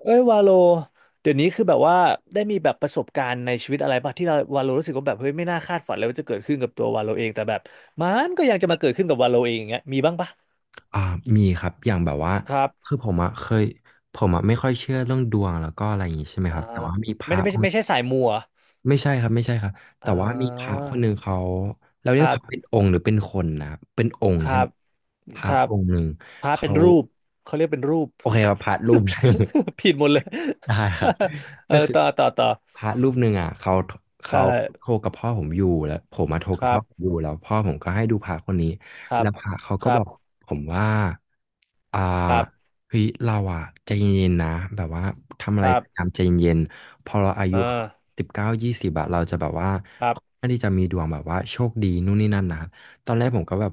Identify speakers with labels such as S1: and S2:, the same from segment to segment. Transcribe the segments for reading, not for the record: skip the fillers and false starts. S1: เอ้ยวาโลเดี๋ยวนี้คือแบบว่าได้มีแบบประสบการณ์ในชีวิตอะไรป่ะที่เราวาโลรู้สึกว่าแบบเฮ้ยไม่น่าคาดฝันเลยว่าจะเกิดขึ้นกับตัววาโลเองแต่แบบมันก็ยังจะมาเกิดขึ้นกับวาโลเองอย่างเงี้ยมีบ้างป่ะ
S2: อ่ามีครับอย่างแบบว่า
S1: ครั
S2: คือ
S1: บ
S2: ผมอะไม่ค่อยเชื่อเรื่องดวงแล้วก็อะไรอย่างงี้ใช่ไหม
S1: อ่า
S2: ครับแต่ว่ามีพ
S1: ไม่
S2: ระ
S1: ได้ไม่
S2: อ
S1: ใช่
S2: งค์
S1: ไม่ใช่สายมัว
S2: ไม่ใช่ครับไม่ใช่ครับ
S1: อ
S2: แต่
S1: อ่
S2: ว่ามีพระ
S1: า
S2: คนหนึ่งเรา
S1: ค
S2: เรียก
S1: รั
S2: พระเป็
S1: บ
S2: นองค์หรือเป็นคนนะครับเป็นองค์
S1: ค
S2: ใช่
S1: รั
S2: ไหม
S1: บ
S2: พ
S1: ค
S2: ระ
S1: รับ
S2: องค์หนึ่ง
S1: พระเป็
S2: เขา
S1: นรูปเขาเรียกเป็นรูป
S2: โอเคครับพระรูป ได้
S1: ผิดหมดเลย
S2: ได้ครับ
S1: เออ
S2: ก็คือ
S1: ต่อต่อต่อ
S2: พระรูปหนึ่งอ่ะเขา
S1: ใช่
S2: เขาโทรกับพ่อผมอยู่แล้วผมมาโทร
S1: ค
S2: กับ
S1: รั
S2: พ่อผมอ
S1: บ
S2: ยู่แล้วพ่อผมก็ให้ดูพระคนนี้
S1: ครั
S2: แล้
S1: บ
S2: วพระเขา
S1: ค
S2: ก็
S1: รั
S2: บอก
S1: บ
S2: ผมว่าอ่า
S1: ครับ
S2: เฮ้ยเราอ่ะใจเย็นๆนะแบบว่าทำ
S1: ค
S2: อะไร
S1: รั
S2: พยายาม
S1: บ
S2: ใจเย็นๆพอเราอายุ
S1: อ่า
S2: 19 20อะเราจะแบบว่า
S1: ครับ
S2: ไม่ได้จะมีดวงแบบว่าโชคดีนู่นนี่นั่นนะตอนแรกผมก็แบบ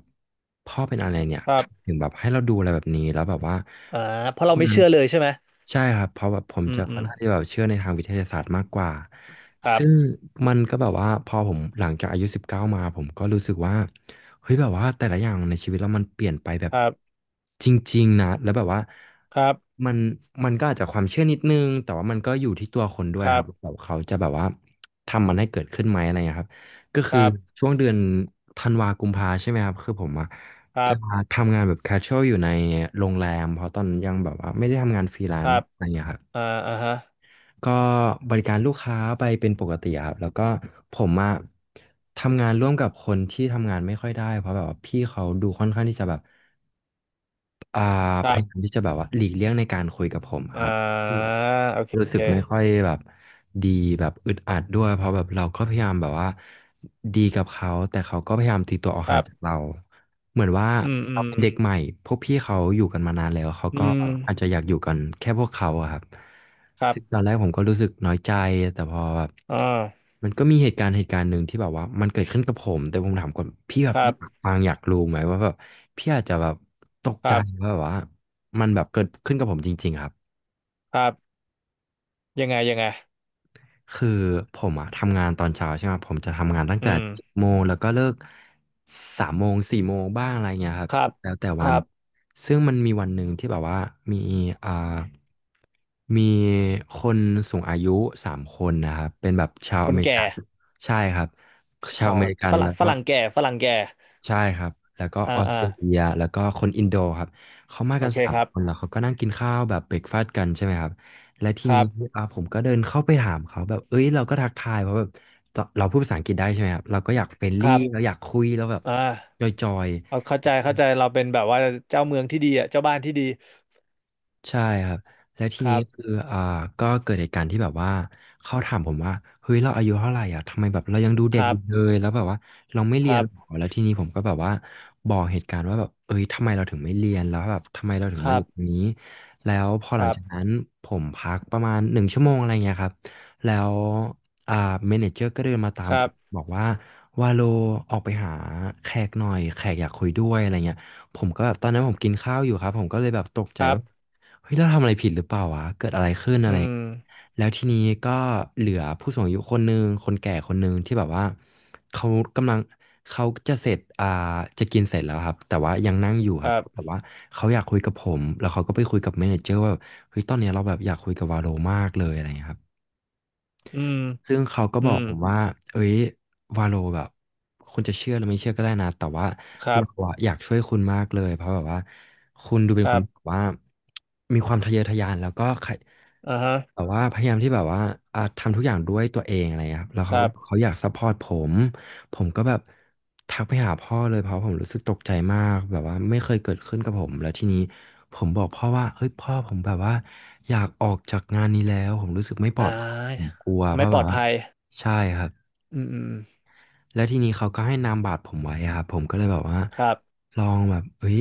S2: พ่อเป็นอะไรเนี่ย
S1: ครั
S2: ทำไม
S1: บ
S2: ถึงแบบให้เราดูอะไรแบบนี้แล้วแบบว่า
S1: อ่าเพราะ
S2: ค
S1: เรา
S2: น
S1: ไม่
S2: นั้น
S1: เชื่อเลยใช่ไหม
S2: ใช่ครับเพราะแบบผม
S1: อืม
S2: จะ
S1: อื
S2: ค่อ
S1: ม
S2: นข้างที่แบบเชื่อในทางวิทยาศาสตร์มากกว่า
S1: ครั
S2: ซึ่ง
S1: บ
S2: มันก็แบบว่าพอผมหลังจากอายุสิบเก้ามาผมก็รู้สึกว่าเฮ้ยแบบว่าแต่ละอย่างในชีวิตเรามันเปลี่ยนไปแบบ
S1: ครับ
S2: จริงๆนะแล้วแบบว่า
S1: ครับ
S2: มันมันก็อาจจะความเชื่อนิดนึงแต่ว่ามันก็อยู่ที่ตัวคนด้ว
S1: ค
S2: ยค
S1: รั
S2: รับ
S1: บ
S2: แบบเขาจะแบบว่าทำมันให้เกิดขึ้นไหมอะไรเงี้ยครับก็
S1: ค
S2: คือ
S1: รับ
S2: ช่วงเดือนธันวากุมภาใช่ไหมครับคือผมอะ
S1: ครั
S2: จะ
S1: บ
S2: ทำงานแบบ casual อยู่ในโรงแรมเพราะตอนนั้นยังแบบว่าไม่ได้ทำงานฟรีแล
S1: ค
S2: น
S1: รั
S2: ซ์
S1: บ
S2: อะไรเงี้ยครับ
S1: อ่าอ่าฮะ
S2: ก็บริการลูกค้าไปเป็นปกติอะครับแล้วก็ผมอะทำงานร่วมกับคนที่ทำงานไม่ค่อยได้เพราะแบบว่าพี่เขาดูค่อนข้างที่จะแบบอ่า
S1: ค
S2: พ
S1: รั
S2: ยายาม
S1: บ
S2: ที่จะแบบว่าหลีกเลี่ยงในการคุยกับผมอะ
S1: อ่
S2: ครับ
S1: าโอเค
S2: รู้สึกไม่ค่อยแบบดีแบบอึดอัดด้วยเพราะแบบเราก็พยายามแบบว่าดีกับเขาแต่เขาก็พยายามตีตัวออก
S1: ค
S2: ห่า
S1: รั
S2: งจาก
S1: บ
S2: เราเหมือนว่า
S1: อืมอื
S2: เรา
S1: ม
S2: เป็นเด็กใหม่พวกพี่เขาอยู่กันมานานแล้วเขา
S1: อื
S2: ก็
S1: ม
S2: อาจจะอยากอยู่กันแค่พวกเขาอะครับ
S1: ครั
S2: ซึ่งตอน
S1: บ
S2: แรกผมก็รู้สึกน้อยใจแต่พอแบบ
S1: อ่า
S2: มันก็มีเหตุการณ์หนึ่งที่แบบว่ามันเกิดขึ้นกับผมแต่ผมถามก่อนพี่แบ
S1: ค
S2: บอ
S1: รั
S2: ยาก
S1: บ
S2: ฟังอยากรู้ไหมว่าแบบพี่อาจจะแบบตก
S1: ค
S2: ใจ
S1: รับ
S2: ว่าแบบว่ามันแบบเกิดขึ้นกับผมจริงๆครับ
S1: ครับยังไงยังไง
S2: คือผมอะทำงานตอนเช้าใช่ไหมผมจะทำงานตั้ง
S1: อื
S2: แต่เจ็ด
S1: ม
S2: โมงแล้วก็เลิก3 โมง 4 โมงบ้างอะไรเงี้ยครับ
S1: ครั
S2: ก็
S1: บ
S2: แล้วแต่
S1: ค
S2: วั
S1: รั
S2: น
S1: บ
S2: ซึ่งมันมีวันหนึ่งที่แบบว่ามีอ่ามีคนสูงอายุสามคนนะครับเป็นแบบชาว
S1: ค
S2: อ
S1: น
S2: เมริ
S1: แก่
S2: กันใช่ครับชา
S1: อ๋
S2: ว
S1: อ
S2: อเมริกัน
S1: ฝรั่
S2: แล้
S1: ง
S2: ว
S1: ฝ
S2: ก็
S1: รั่งแก่ฝรั่งแก่
S2: ใช่ครับ แล้วก็
S1: อ่า
S2: ออส
S1: อ่า
S2: เตรเลียแล้วก็คนอินโดครับ เขามา
S1: โอ
S2: กัน
S1: เค
S2: สาม
S1: ครับ
S2: คน แล้วเขาก็นั่งกินข้าวแบบเบรกฟาสต์กันใช่ไหมครับ และที
S1: ค
S2: นี้
S1: รับ
S2: ผมก็เดินเข้าไปถามเขาแบบเอ้ยเราก็ทักทายเพราะแบบเราพูดภาษาอังกฤษได้ใช่ไหมครับ เราก็อยากเฟรน
S1: ค
S2: ลี่
S1: รั
S2: เรา
S1: บ
S2: อยากคุยแล้วแบบ
S1: อ่
S2: จ
S1: า
S2: อย
S1: เอา
S2: ๆ
S1: เข้าใจเข้าใจเราเป็นแบบว่าเจ้าเมืองที่ดีอ่ะเจ้าบ้านที่ดี
S2: ใช่ครับแล้วที
S1: ค
S2: นี้
S1: รับ
S2: คืออ่าก็เกิดเหตุการณ์ที่แบบว่าเขาถามผมว่าเฮ้ยเราอายุเท่าไหร่อ่ะทำไมแบบเรายังดู
S1: ค
S2: เด็ก
S1: รั
S2: อยู่เล
S1: บ
S2: ยแล้วแบบว่าเราไม่
S1: ค
S2: เรียน
S1: รั
S2: หรอ
S1: บ
S2: แล้วทีนี้ผมก็แบบว่าบอกเหตุการณ์ว่าแบบเอ้ยทำไมเราถึงไม่เรียนแล้วแบบทำไมเราถึง
S1: ค
S2: มา
S1: รั
S2: อยู่ตรง
S1: บ
S2: นี้แล้วพอ
S1: ค
S2: หลัง
S1: รั
S2: จากนั้
S1: บ
S2: นผมพักประมาณ1 ชั่วโมงอะไรเงี้ยครับแล้วอ่าเมเนเจอร์ก็เดินมาตา
S1: ค
S2: ม
S1: รั
S2: ผม
S1: บ
S2: บอกว่าวาโลออกไปหาแขกหน่อยแขกอยากคุยด้วยอะไรเงี้ยผมก็แบบตอนนั้นผมกินข้าวอยู่ครับผมก็เลยแบบตก
S1: ค
S2: ใจ
S1: รั
S2: ว่า
S1: บ
S2: เฮ้ยเราทำอะไรผิดหรือเปล่าวะเกิดอะไรขึ้นอะ
S1: อื
S2: ไร
S1: ม
S2: แล้วทีนี้ก็เหลือผู้สูงอายุคนหนึ่งคนแก่คนหนึ่งที่แบบว่าเขากำลังเขาจะเสร็จอ่าจะกินเสร็จแล้วครับแต่ว่ายังนั่งอยู่ค
S1: ค
S2: รับ
S1: รั
S2: แต่
S1: บ
S2: ว่าเขาอยากคุยกับผมแล้วเขาก็ไปคุยกับเมเนเจอร์ว่าแบบเฮ้ยตอนเนี้ยเราแบบอยากคุยกับวาโลมากเลยอะไรอย่างเงี้ยครับ
S1: อืม
S2: ซึ่งเขาก็
S1: อื
S2: บอก
S1: ม
S2: ผมว่าเอ้ยวาโลแบบคุณจะเชื่อหรือไม่เชื่อก็ได้นะแต่ว่า
S1: ครั
S2: เรา
S1: บ
S2: อะอยากช่วยคุณมากเลยเพราะแบบว่าคุณดูเป็
S1: ค
S2: นค
S1: รั
S2: น
S1: บ
S2: แบบว่ามีความทะเยอทะยานแล้วก็ใคร
S1: อ่าฮะ
S2: แบบว่าพยายามที่แบบว่าทำทุกอย่างด้วยตัวเองอะไรเงี้ยครับแล้ว
S1: ค
S2: เขา
S1: รั
S2: ก็
S1: บ
S2: เขาอยากซัพพอร์ตผมผมก็แบบทักไปหาพ่อเลยเพราะผมรู้สึกตกใจมากแบบว่าไม่เคยเกิดขึ้นกับผม แล้วทีนี้ผมบอกพ่อว่าเฮ้ยพ่อผมแบบว่าอยากออกจากงานนี้แล้วผมรู้สึกไม่ปล
S1: อ่
S2: อด ผม
S1: า
S2: กลัวเพ
S1: ไม่
S2: ราะ
S1: ป
S2: แบ
S1: ลอ
S2: บ
S1: ด
S2: ว่า
S1: ภัย
S2: ใช่ครับ
S1: อืมอืม
S2: แล้วทีนี้เขาก็ให้นามบัตรผมไว้อะครับผมก็เลยแบบว่า
S1: ครับ
S2: ลองแบบเอ้ย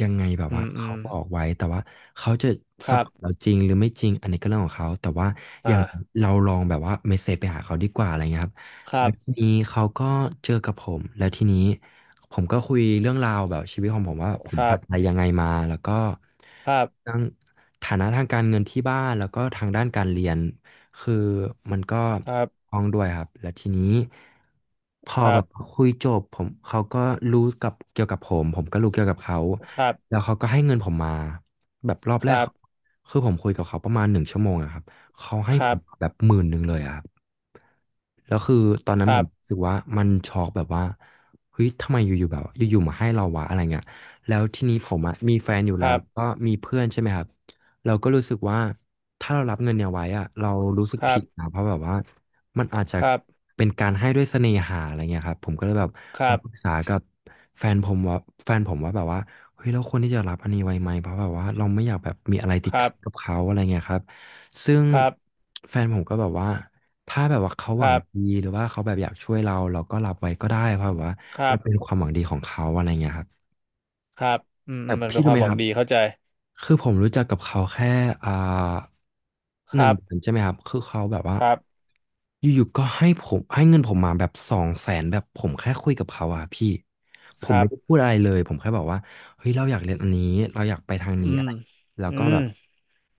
S2: ยังไงแบบ
S1: อื
S2: ว่า
S1: มอื
S2: เขา
S1: ม
S2: บอกไว้แต่ว่าเขาจะ
S1: ค
S2: ซัพ
S1: รั
S2: พ
S1: บ
S2: อร์ตเราจริงหรือไม่จริงอันนี้ก็เรื่องของเขาแต่ว่า
S1: อ
S2: อย่าง
S1: ่า
S2: เราลองแบบว่าเมสเซจไปหาเขาดีกว่าอะไรเงี้ยครับ
S1: ครั
S2: แล้ว
S1: บ
S2: ทีนี้เขาก็เจอกับผมแล้วทีนี้ผมก็คุยเรื่องราวแบบชีวิตของผมว่าผ
S1: ค
S2: ม
S1: รั
S2: ผ่า
S1: บ
S2: นอะไรยังไงมาแล้วก็
S1: ครับ
S2: ทั้งฐานะทางการเงินที่บ้านแล้วก็ทางด้านการเรียน คือมันก็
S1: ครับ
S2: ท้องด้วยครับแล้วทีนี้พอ
S1: ครั
S2: แบบ
S1: บ
S2: คุยจบผมเขาก็รู้กับเกี่ยวกับผมผมก็รู้เกี่ยวกับเขา
S1: ครั
S2: แล้
S1: บ
S2: วเขาก็ให้เงินผมมาแบบรอบแรกเขาคือผมคุยกับเขาประมาณ1 ชั่วโมงอะครับเขาให้
S1: ค
S2: ผ
S1: รั
S2: มแบ
S1: บ
S2: บหมื่นหนึ่งเลยอะครับแล้วคือตอนนั้
S1: ค
S2: นผ
S1: รั
S2: ม
S1: บ
S2: รู้สึกว่ามันช็อกแบบว่าเฮ้ยทำไมอยู่ๆแบบอยู่ๆมาให้เราวะอะไรเงี้ยแล้วทีนี้ผมอะมีแฟนอยู่
S1: ค
S2: แล้ว
S1: รับ
S2: ก็มีเพื่อนใช่ไหมครับ เราก็รู้สึกว่าถ้าเรารับเงินเนี่ยไว้อะเรารู้สึกผิดนะเพราะแบบว่ามันอาจจะ
S1: ครับ
S2: เป็นการให้ด้วยเสน่หาอะไรเงี้ยครับผมก็เลยแบบ
S1: ครั
S2: มาปรึก
S1: บ
S2: ษากับแฟนผมว่าแฟนผมว่าแบบว่าเฮ้ยเราควรที่จะรับอันนี้ไว้ไหมเพราะแบบว่าเราไม่อยากแบบมีอะไรติดขัดกับเขาอะไรเงี้ยครับซึ่ง
S1: ครับ
S2: แฟนผมก็แบบว่าถ้าแบบว่าเขาห
S1: ค
S2: วัง
S1: รับ
S2: ดีหรือว่าเขาแบบอยากช่วยเราเราก็รับไว้ก็ได้เพราะแบบว่า
S1: ครั
S2: มัน
S1: บ
S2: เป็นความหวังดีของเขาอะไรเงี้ยครับ
S1: ครับครับครับครับอืมอื
S2: แต่
S1: มมันเป็
S2: พี่
S1: นค
S2: รู้
S1: วาม
S2: ไหม
S1: หวั
S2: ค
S1: ง
S2: รับ
S1: ดีเข้าใจ
S2: คือผมรู้จักกับเขาแค่อ่า
S1: ค
S2: หนึ่ง
S1: รับ
S2: เดือนใช่ไหมครับคือเขาแบบ
S1: ค
S2: ว่า
S1: รับ
S2: อยู่ๆก็ให้ผมให้เงินผมมาแบบ200,000แบบผมแค่คุยกับเขาอะพี่ผ
S1: ค
S2: ม
S1: รั
S2: ไม่
S1: บ
S2: ได้พูดอะไรเลยผมแค่บอกว่าเฮ้ยเราอยากเรียนอันนี้เราอยากไปทาง
S1: อื
S2: นี้อะ
S1: ม
S2: ไรแล้ว
S1: อื
S2: ก็
S1: ม
S2: แบบ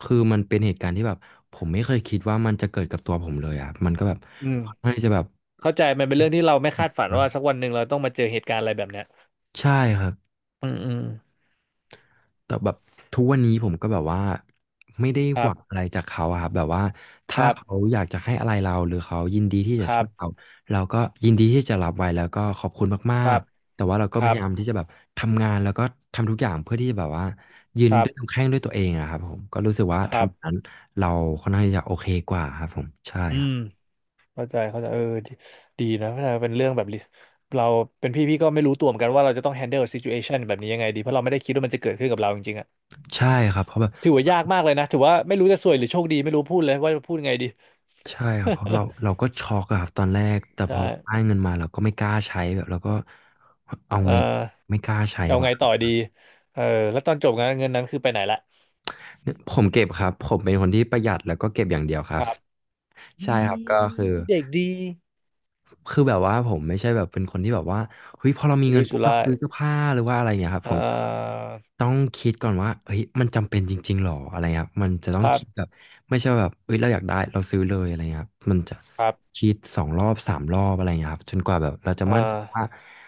S2: คือมันเป็นเหตุการณ์ที่แบบผมไม่เคยคิดว่ามันจะเกิดกับตัวผมเลยอะมันก็แบบ
S1: อืม
S2: ค่อนข้างที่จะแบบ
S1: เข้าใจมันเป็นเรื่องที่เราไม่คาดฝันว่าสักวันหนึ่งเราต้องมาเจอเหตุการณ์อะไรแบบเนี้ย
S2: ใช่ครับ
S1: อืมอืม
S2: แต่แบบทุกวันนี้ผมก็แบบว่าไม่ได้
S1: ค
S2: ห
S1: รั
S2: วังอะ
S1: บ
S2: ไรจากเขาอะครับแบบว่า
S1: ค
S2: ถ้า
S1: รั
S2: เขา
S1: บ
S2: อยากจะให้อะไรเราหรือเขายินดีที่
S1: ค
S2: จะ
S1: รั
S2: ช่วยเรา
S1: บ
S2: เราก็ยินดีที่จะรับไว้แล้วก็ขอบคุณมา
S1: ครั
S2: ก
S1: บ
S2: ๆแต่ว่าเราก็
S1: ค
S2: พ
S1: รั
S2: ยายาม
S1: บ
S2: ที่จะแบบทำงานแล้วก็ทำทุกอย่างเพื่อที่จะแบบว่ายืน
S1: ครั
S2: ด้วยลำ
S1: บ
S2: แข้งด้วยตัวเองอะครับผมก็รู้สึกว่า
S1: ครับ
S2: ทำนั้นเราค่อนข้างที่จะโอเคกว่าครับผมใช่
S1: อื
S2: ครั
S1: ม
S2: บ
S1: เข้าใจเข้าใจ เออดีดีนะเข้าใจเป็นเรื่องแบบนี้เราเป็นพี่พี่ก็ไม่รู้ตัวเหมือนกันว่าเราจะต้อง handle situation แบบนี้ยังไงดีเพราะเราไม่ได้คิดว่ามันจะเกิดขึ้นกับเราจริงๆอะ
S2: ใช่ครับเพราะแบบ
S1: ถือว่ายากมากเลยนะถือว่าไม่รู้จะซวยหรือโชคดีไม่รู้พูดเลยว่าจะพูดยังไงดี
S2: ใช่ครับเพราะเราก็ช็อกอะครับตอนแรกแต่ พ
S1: ใช่
S2: อเราได้เงินมาเราก็ไม่กล้าใช้แบบเราก็เอา
S1: เอ
S2: ไง
S1: อ
S2: ไม่กล้าใช้
S1: จะเอา
S2: ว่ะ
S1: ไงต่อดีเออแล้วตอนจบงานเงินนั้นคือไปไหนละ
S2: เนี่ยผมเก็บครับผมเป็นคนที่ประหยัดแล้วก็เก็บอย่างเดียวค
S1: ค
S2: รับ
S1: รับ ด
S2: ใช่ครับก็
S1: ี
S2: คือ
S1: เด็กดี
S2: คือแบบว่าผมไม่ใช่แบบเป็นคนที่แบบว่าเฮ้ยพอเรามี
S1: สุ
S2: เงิน
S1: รุ่ย
S2: ปุ๊
S1: สุ
S2: บเรา
S1: ร่าย
S2: ซื้อเสื้อผ้าหรือว่าอะไรเงี้ยครับ
S1: อ่
S2: ผมจะ
S1: า
S2: ต้องคิดก่อนว่าเฮ้ยมันจำเป็นจริงๆหรออะไรเงี้ยครับมันจะต้
S1: ค
S2: อง
S1: รั
S2: คิดแบบ
S1: บ
S2: ไม่ใช่ว่าแบบเฮ้ยเราอยากได้เราซื้อเลยอะไรเงี้ยครับมันจะ
S1: ครับ
S2: คิดสองรอบสามรอบอะไรเงี้ยครับจนกว่าแบบเราจะ
S1: อ่
S2: มั่นใจว่า
S1: า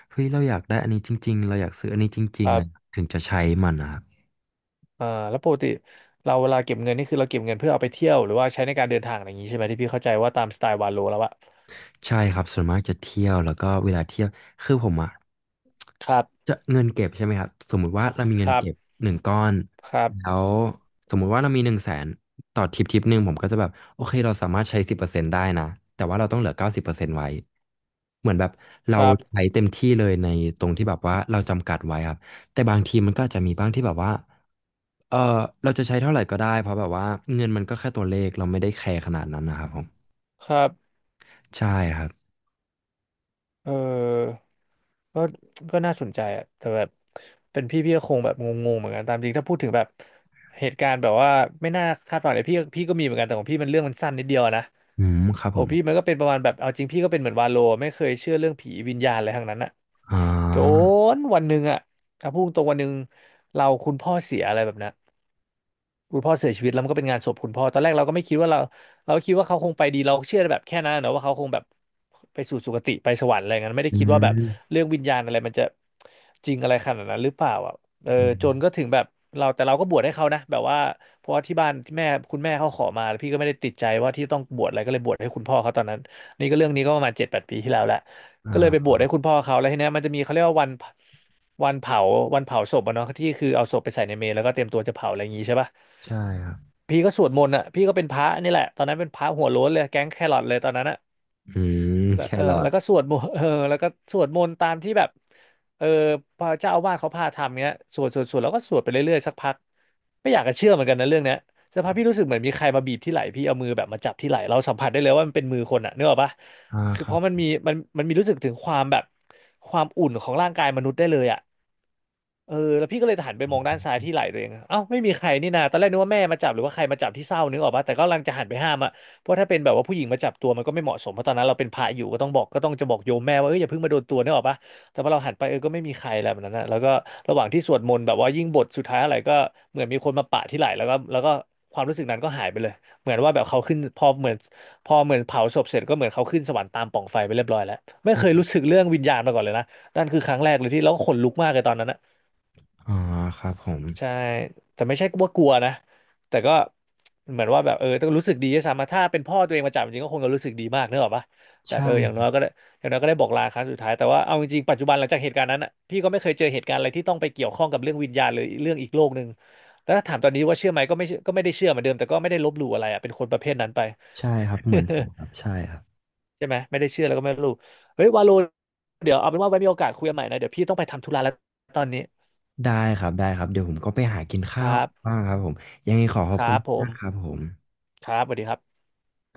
S2: เฮ้ยเราอยากได้อันนี้จริงๆเราอยากซื้ออันนี้จริ
S1: ค
S2: งๆ
S1: รั
S2: อะไร
S1: บ
S2: ถึงจะใช้มันนะครับ
S1: อ่าแล้วปกติเราเวลาเก็บเงินนี่คือเราเก็บเงินเพื่อเอาไปเที่ยวหรือว่าใช้ในการเดินทางอะไรอย่างนี้ใช่ไหมที่พี่เข้าใจว่าตามสไตล์วาโลแล้วอะ
S2: ใช่ครับส่วนมากจะเที่ยวแล้วก็เวลาเที่ยวคือผมอะ
S1: ครับ
S2: จะเงินเก็บใช่ไหมครับสมมุติว่าเรามี
S1: ค
S2: เงิน
S1: รับ
S2: เก็บหนึ่งก้อน
S1: ครั
S2: แล้
S1: บ
S2: วสมมุติว่าเรามี100,000ต่อทริปทริปหนึ่งผมก็จะแบบโอเคเราสามารถใช้สิบเปอร์เซ็นต์ได้นะแต่ว่าเราต้องเหลือ90%ไว้เหมือนแบบ
S1: ค
S2: เรา
S1: รับ
S2: ใช้เต็มที่เลยในตรงที่แบบว่าเราจำกัดไว้ครับแต่บางทีมันก็อาจจะมีบ้างที่แบบว่าเออเราจะใช้เท่าไหร่ก็ได้เพราะแบบว่าเงินมันก็แค่ตัวเลขเราไม่ได้แคร์ขนาดนั้นนะครับผม
S1: ครับ
S2: ใช่ครับ
S1: เออก็ก็น่าสนใจอะแต่แบบเป็นพี่พี่ก็คงแบบงงๆเหมือนกันตามจริงถ้าพูดถึงแบบเหตุการณ์แบบว่าไม่น่าคาดฝันเลยพี่พี่ก็มีเหมือนกันแต่ของพี่มันเรื่องมันสั้นนิดเดียวอะนะ
S2: อืมครับ
S1: โอ้
S2: ผม
S1: พี่มันก็เป็นประมาณแบบเอาจริงพี่ก็เป็นเหมือนวาโลไม่เคยเชื่อเรื่องผีวิญญาณอะไรทั้งนั้นอะ
S2: อ๋อ
S1: จนวันหนึ่งอะถ้าพูดตรงวันหนึ่งเราคุณพ่อเสียอะไรแบบนั้น คุณพ่อเสียชีวิตแล้วมันก็เป็นงานศพคุณพ่อตอนแรกเราก็ไม่คิดว่าเราเราก็คิดว่าเขาคงไปดีเราเชื่อแบบแค่นั้นนะว่าเขาคงแบบไปสู่สุคติไปสวรรค์อะไรเงี้ยไม่ได้
S2: อื
S1: คิดว่าแบบ
S2: ม
S1: เรื่องวิญญาณอะไรมันจะจริงอะไรขนาดนั้นหรือเปล่าอ่ะเออ
S2: อืม
S1: จนก็ถึงแบบเราแต่เราก็บวชให้เขานะแบบว่าเพราะว่าที่บ้านที่แม่คุณแม่เขาขอมาแล้วพี่ก็ไม่ได้ติดใจว่าที่ต้องบวชอะไรก็เลยบวชให้คุณพ่อเขาตอนนั้นนี่ก็เรื่องนี้ก็ประมาณ7-8 ปีที่แล้วแหละ
S2: อ่
S1: ก็เลยไปบ
S2: า
S1: วชให้คุณพ่อเขาแล้วทีเนี้ยมันจะมีเขาเรียกว่าวันเผาวันเผาศพอะเนาะที่คือเอาศพไปใส่ในเมรุแล้วก็เตรียมตัวจะเผาอะไรอย่างงี้ใช่ปะ
S2: ใช่ครับ
S1: พี่ก็สวดมนต์อ่ะพี่ก็เป็นพระนี่แหละตอนนั้นเป็นพระหัวโล้นเลยแก๊งแครอทเลยตอนนั้นอ่ะ
S2: อืม
S1: แล้ว
S2: แค
S1: เออ
S2: รอ
S1: แล้
S2: ท
S1: วก็สวดมนต์ เออแล้วก็สวดมนต์ตามที่แบบเออพระเจ้าอาวาสเขาพาทำเงี้ยสวดสวดสวดแล้วก็สวดไปเรื่อยๆสักพักไม่อยากจะเชื่อเหมือนกันนะเรื่องเนี้ยสักพักพี่รู้สึกเหมือนมีใครมาบีบที่ไหล่พี่เอามือแบบมาจับที่ไหล่เราสัมผัสได้เลยว่ามันเป็นมือคนอ่ะนึกออกปะ
S2: อ่า
S1: คือ
S2: ค
S1: เพ
S2: รั
S1: ราะมัน
S2: บ
S1: มีมันมันมีรู้สึกถึงความแบบความอุ่นของร่างกายมนุษย์ได้เลยอ่ะ แล้วพี่ก็เลยหันไปมองด้านซ้ายที่ไหล่ตัวเองเอ้าไม่มีใครนี่นาตอนแรกนึกว่าแม่มาจับหรือว่าใครมาจับที่เศร้านึกออกปะแต่ก็กำลังจะหันไปห้ามอะเพราะถ้าเป็นแบบว่าผู้หญิงมาจับตัวมันก็ไม่เหมาะสมเพราะตอนนั้นเราเป็นพระอยู่ก็ต้องจะบอกโยมแม่ว่าอย่าเพิ่งมาโดนตัวนึกออกปะแต่พอเราหันไปก็ไม่มีใครแล้วแบบนั้นนะแล้วก็ระหว่างที่สวดมนต์แบบว่ายิ่งบทสุดท้ายอะไรก็เหมือนมีคนมาปะที่ไหล่แล้วก็ความรู้สึกนั้นก็หายไปเลยเหมือนว่าแบบเขาขึ้นพอเหมือนเผาศพเสร็จก็เหมือนเขาขึ้นสวรรค์ตามปล่องไฟไปเรียบร้อยแล้วไม่
S2: อ
S1: เค
S2: ม
S1: ยรู้สึกเรื่องวิญญาณมาก่อนเลยนะนั่นคือครั้งแรกเลยที่แล้วก็ขนลุกมากเลยตอนนั้นนะ
S2: อ๋อครับผม
S1: ใช่แต่ไม่ใช่ว่ากลัวนะแต่ก็เหมือนว่าแบบต้องรู้สึกดีด้วยซ้ำอะถ้าเป็นพ่อตัวเองมาจับจริงก็คงจะรู้สึกดีมากเนกอะปะแต่
S2: ใช่
S1: อย่าง
S2: ค
S1: น้
S2: รั
S1: อ
S2: บ
S1: ยก็ได้อย่างน้อยก็ได้บอกลาครั้งสุดท้ายแต่ว่าเอาจริงๆปัจจุบันหลังจากเหตุการณ์นั้นอะพี่ก็ไม่เคยเจอเหตุการณ์อะไรที่ต้องไปเกี่ยวข้องกับเรื่องวิญญาณหรือเรื่องอีกโลกหนึ่งแล้วถ้าถามตอนนี้ว่าเชื่อไหมก็ไม่เชื่อก็ไม่ได้เชื่อเหมือนเดิมแต่ก็ไม่ได้ลบหลู่อะไรอะเป็นคนประเภทนั้นไป
S2: ใช่ครับเหมือนผมครับ ใช่ครับ
S1: ใช่ไหมไม่ได้เชื่อแล้วก็ไม่ลบหลู่เฮ้ยวาโลเดี๋ยวเอาเป็นว่าไว้มีโอกาสคุยกันใหม่นะเดี๋ยวพี่ต้องไปทำธุระแล้วตอนนี้
S2: ได้ครับได้ครับเดี๋ยวผมก็ไปหากิน
S1: ค
S2: ข้า
S1: รั
S2: ว
S1: บ
S2: บ้างครับผมยังไงขอข
S1: ค
S2: อบ
S1: รั
S2: คุณ
S1: บผ
S2: มากครับ
S1: ม
S2: ผม
S1: ครับสวัสดีครับ